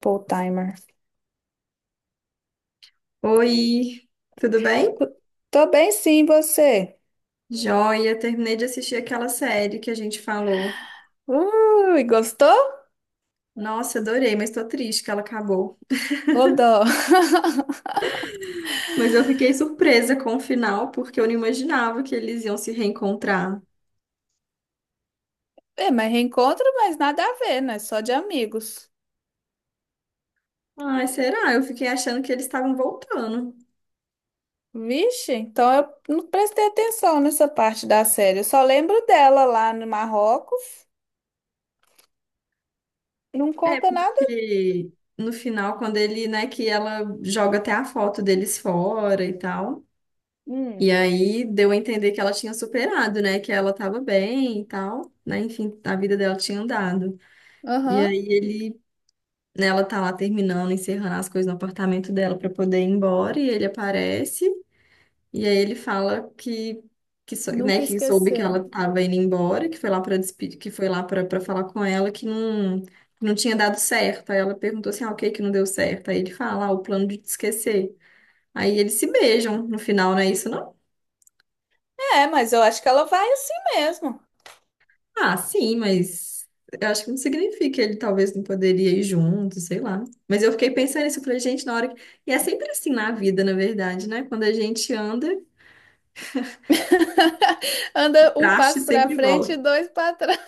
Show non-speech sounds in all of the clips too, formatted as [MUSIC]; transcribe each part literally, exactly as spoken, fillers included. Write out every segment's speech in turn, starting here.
Full timer. Oi, tudo bem? Tô bem sim, você. Joia, terminei de assistir aquela série que a gente falou. Ui, gostou? Nossa, adorei, mas tô triste que ela acabou. Ô dó. Mas eu fiquei surpresa com o final, porque eu não imaginava que eles iam se reencontrar. É, mas reencontro, mas nada a ver, né? Só de amigos. Ai, será? Eu fiquei achando que eles estavam voltando. Vixe, então eu não prestei atenção nessa parte da série. Eu só lembro dela lá no Marrocos. Não É, conta nada. porque no final, quando ele, né, que ela joga até a foto deles fora e tal. E Hum. aí deu a entender que ela tinha superado, né? Que ela tava bem e tal, né? Enfim, a vida dela tinha andado. E Aham, aí ele né, ela tá lá terminando, encerrando as coisas no apartamento dela para poder ir embora e ele aparece e aí ele fala que que, sou- né, nunca que soube que esqueceu. ela tava indo embora, que foi lá para despedir, que foi lá para falar com ela que não que não tinha dado certo. Aí ela perguntou assim: "Ah, o que que não deu certo?" Aí ele fala: "Ah, o plano de te esquecer". Aí eles se beijam no final, não é isso? É, mas eu acho que ela vai assim mesmo. Ah, sim, mas eu acho que não significa que ele talvez não poderia ir junto, sei lá. Mas eu fiquei pensando nisso, eu falei, gente, na hora que... E é sempre assim na vida, na verdade, né? Quando a gente anda, [LAUGHS] o Anda um traste passo pra sempre frente e volta. dois pra trás.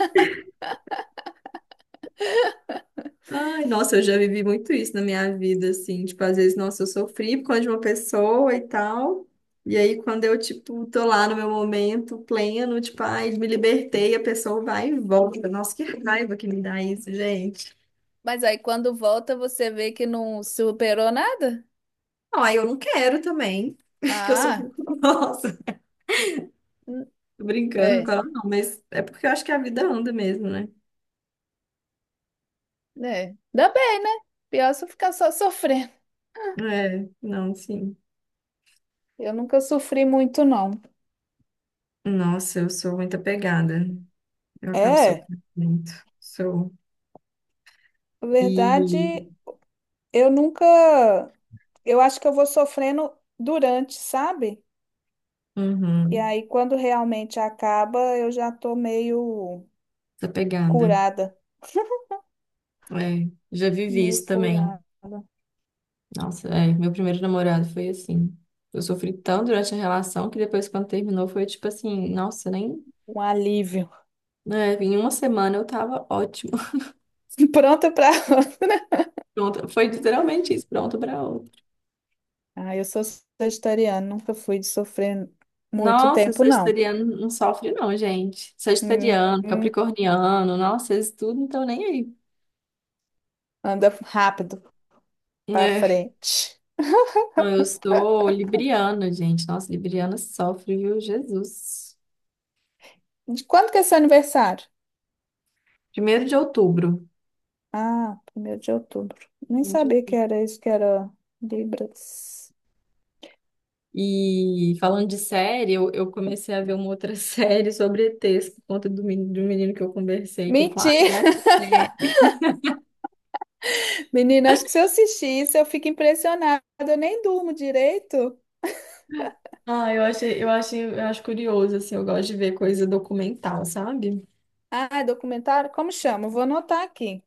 Ai, nossa, eu já vivi muito isso na minha vida, assim. Tipo, às vezes, nossa, eu sofri por causa de uma pessoa e tal. E aí, quando eu, tipo, tô lá no meu momento pleno, tipo, ai, me libertei, a pessoa vai e volta. Nossa, que raiva que me dá isso, gente. Mas aí quando volta, você vê que não superou nada? Não, aí eu não quero também, [LAUGHS] porque eu sou Ah, muito [LAUGHS] nossa. Tô brincando, é, claro, não, mas é porque eu acho que a vida anda mesmo, né? é. Dá bem, né? Pior se eu ficar só sofrendo. É, não, sim. Eu nunca sofri muito, não. Nossa, eu sou muito apegada. Eu acabo É, sofrendo muito. Sou. na E. verdade, eu nunca. Eu acho que eu vou sofrendo durante, sabe? E Uhum, aí, quando realmente acaba, eu já tô meio apegada. curada. É, já vivi Meio isso também. curada. Nossa, é, meu primeiro namorado foi assim. Eu sofri tão durante a relação que depois, quando terminou, foi tipo assim: nossa, nem. Um alívio. É, em uma semana eu tava ótimo. [LAUGHS] [LAUGHS] Pronta pra. Pronto, foi literalmente isso, pronto pra outra. Ah, eu sou vegetariana, nunca fui de sofrer muito Nossa, tempo, não. sagitariano não sofre não, gente. Hum, Sagitariano, hum, capricorniano, nossa, eles tudo não estão nem aí. anda rápido pra É, frente. não, eu sou libriana, gente. Nossa, libriana sofre, viu? Jesus. De quando que é seu aniversário? Primeiro de outubro. Ah, primeiro de outubro. Nem Primeiro de sabia que outubro. era isso, que era Libras. E falando de série, eu, eu comecei a ver uma outra [LAUGHS] série sobre E Tês, por conta do, meni- do menino que eu conversei, que ele falou, ah, Mentira! vê essa série. [LAUGHS] [LAUGHS] Menina, acho que se eu assistir isso, eu fico impressionada. Eu nem durmo direito. Ah, eu achei, eu achei, eu acho curioso, assim, eu gosto de ver coisa documental, sabe? Ah, documentário? Como chama? Vou anotar aqui.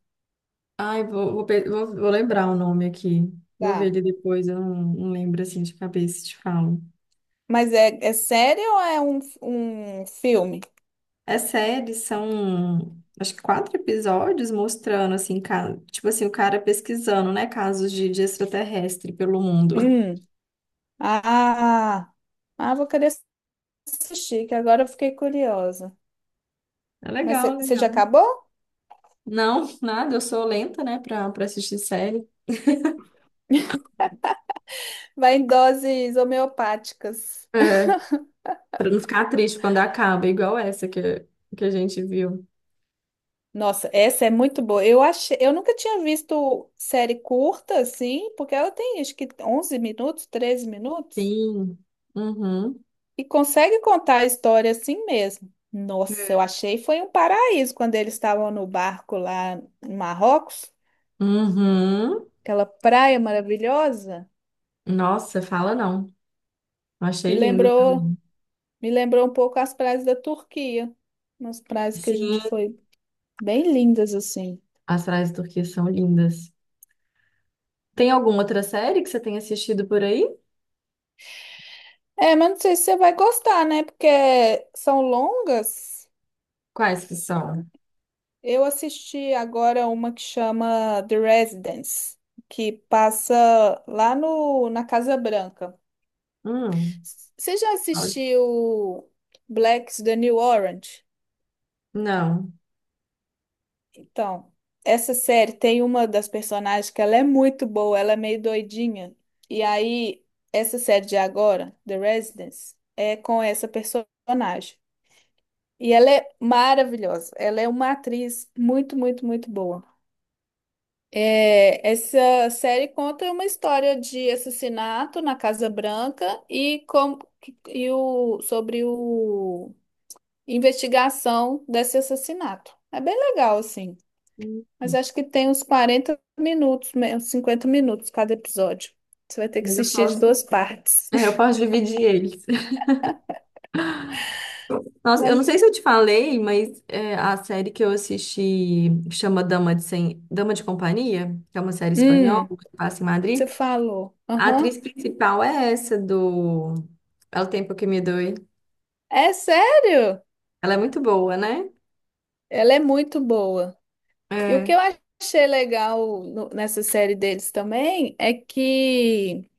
Ai, vou, vou, pe- vou, vou lembrar o nome aqui. Vou ver ele Tá. depois, eu não, não lembro assim de cabeça, te falo. Mas é, é série ou é um, um filme? É série, são acho que quatro episódios mostrando, assim, ca- tipo assim, o cara pesquisando, né, casos de, de extraterrestre pelo mundo. [LAUGHS] Hum. Ah, ah, vou querer assistir, que agora eu fiquei curiosa. É Mas legal, você já legal. acabou? Não, nada, eu sou lenta, né, pra, pra assistir série. Vai em doses homeopáticas. É. Pra não ficar triste quando acaba, igual essa que, que a gente viu. Nossa, essa é muito boa. Eu achei, eu nunca tinha visto série curta assim, porque ela tem acho que onze minutos, treze minutos Sim. Uhum. e consegue contar a história assim mesmo. Nossa, eu achei foi um paraíso quando eles estavam no barco lá em Marrocos, Uhum. aquela praia maravilhosa. Nossa, fala não. Eu Me achei lindo. lembrou, me lembrou um pouco as praias da Turquia, umas praias que a Sim, gente foi bem lindas assim. as praias turquesas são lindas. Tem alguma outra série que você tenha assistido por aí? É, mas não sei se você vai gostar, né? Porque são longas. Quais que são? Eu assisti agora uma que chama The Residence, que passa lá no, na Casa Branca. Hum, Você já fala- assistiu Black's The New Orange? não. Então, essa série tem uma das personagens que ela é muito boa, ela é meio doidinha. E aí, essa série de agora, The Residence, é com essa personagem. E ela é maravilhosa. Ela é uma atriz muito, muito, muito boa. É, essa série conta uma história de assassinato na Casa Branca e, como, e o, sobre o investigação desse assassinato. É bem legal, assim. Hum. Mas acho que tem uns quarenta minutos, me- uns cinquenta minutos cada episódio. Você vai ter que Mas eu assistir de posso, duas partes. é, eu posso dividir eles. [LAUGHS] [LAUGHS] Nossa, eu Mas, não sei se eu te falei, mas é, a série que eu assisti chama Dama de, Sem... Dama de Companhia, que é uma série espanhola hum, que passa em você Madrid. falou. A Aham. atriz principal é essa do É o Tempo que Me Doe. É sério? Ela é muito boa, né? Ela é muito boa. E o que É. eu achei legal no- nessa série deles também é que.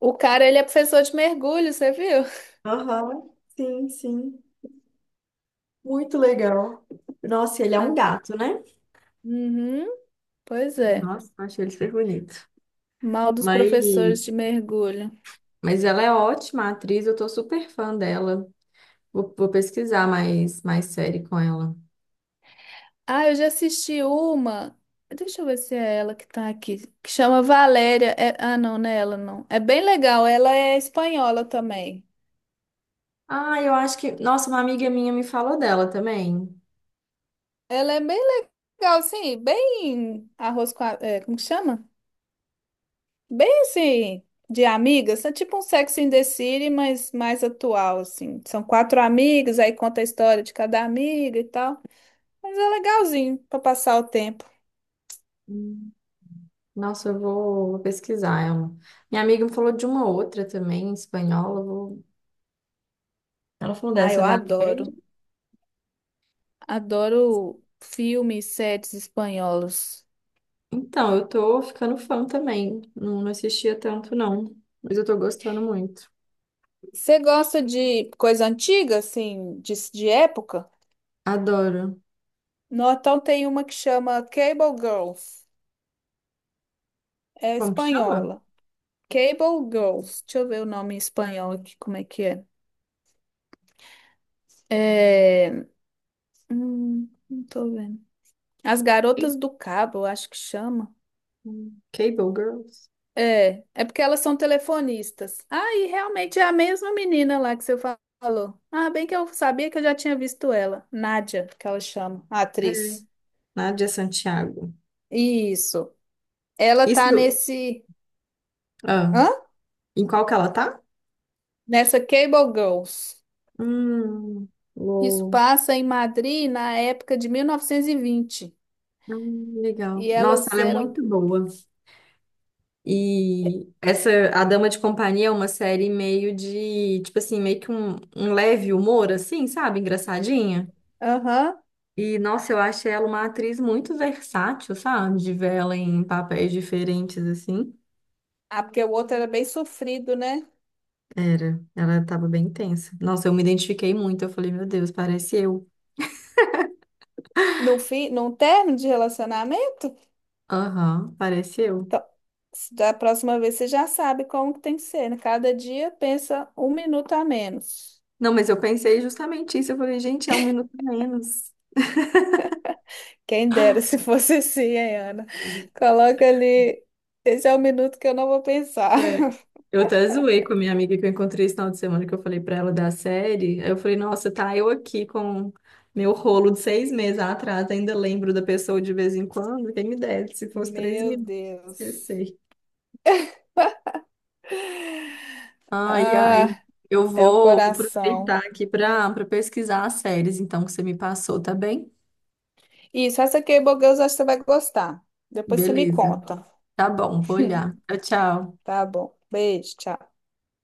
O cara, ele é professor de mergulho, você viu? Aham, sim, sim. Muito legal. Nossa, ele é um Ah, gato, né? uhum, pois é. Nossa, achei ele super bonito. Mal dos Mas, professores de mergulho. mas ela é ótima atriz, eu tô super fã dela. Vou, vou pesquisar mais, mais série com ela. Ah, eu já assisti uma. Deixa eu ver se é ela que tá aqui. Que chama Valéria. É- Ah, não, não é ela, não. É bem legal. Ela é espanhola também. Ah, eu acho que. Nossa, uma amiga minha me falou dela também. Ela é bem legal, assim, bem arroz com a, é, como que chama? Bem assim, de amigas. É tipo um Sex in the City, mas mais atual, assim. São quatro amigas, aí conta a história de cada amiga e tal. Mas é legalzinho pra passar o tempo. Hum. Nossa, eu vou, vou pesquisar ela. Minha amiga me falou de uma outra também, em espanhola. Eu vou- Ela falou Ah, dessa, eu Valéria. adoro. Adoro filmes, séries espanholos. Então, eu tô ficando fã também. Não, não assistia tanto, não. Mas eu tô gostando muito. Você gosta de coisa antiga, assim, de, de época? Adoro. No, então tem uma que chama Cable Girls. É Como que chama? espanhola. Cable Girls. Deixa eu ver o nome em espanhol aqui, como é que é. É... hum, não tô vendo. As Garotas do Cabo, eu acho que chama. Cable Girls. É, é porque elas são telefonistas. Ah, e realmente é a mesma menina lá que você fa- falou. Ah, bem que eu sabia que eu já tinha visto ela. Nádia, que ela chama, a É, atriz. Nádia Santiago. Isso. Ela tá Isso. nesse, Ah, hã? em qual que ela tá? Nessa Cable Girls. Hum, Isso uou. passa em Madrid na época de mil novecentos e vinte. E vinte. Hum, legal. E Nossa, elas ela é eram, muito boa. E essa A Dama de Companhia é uma série meio de, tipo assim, meio que um, um leve humor, assim, sabe? Engraçadinha. aham. E, nossa, eu acho ela uma atriz muito versátil, sabe? De ver ela em papéis diferentes, assim. Ah, porque o outro era bem sofrido, né? Era, ela tava bem tensa. Nossa, eu me identifiquei muito. Eu falei, meu Deus, parece eu. No fim, num término de relacionamento? Aham, parece eu. Então, se da próxima vez você já sabe como que tem que ser, né? Cada dia pensa um minuto a menos. Não, mas eu pensei justamente isso. Eu falei, gente, é um minuto a menos. Quem dera [LAUGHS] se fosse assim, hein, Ana? Coloca ali. Esse é o minuto que eu não vou pensar. É. [LAUGHS] Eu até zoei com a minha amiga que eu encontrei esse final de semana, que eu falei pra ela da série. Aí eu falei, nossa, tá eu aqui com meu rolo de seis meses atrás, ainda lembro da pessoa de vez em quando. Quem me dera, se fosse três Meu minutos, Deus. esqueci. Ai, ai. Ah, Eu é o vou coração. aproveitar aqui para para pesquisar as séries, então, que você me passou, tá bem? Isso, essa aqui, Bogueus, acho que você vai gostar. Depois você me Beleza. conta. Tá bom, vou olhar. Tchau, tchau. Tá bom. Beijo, tchau.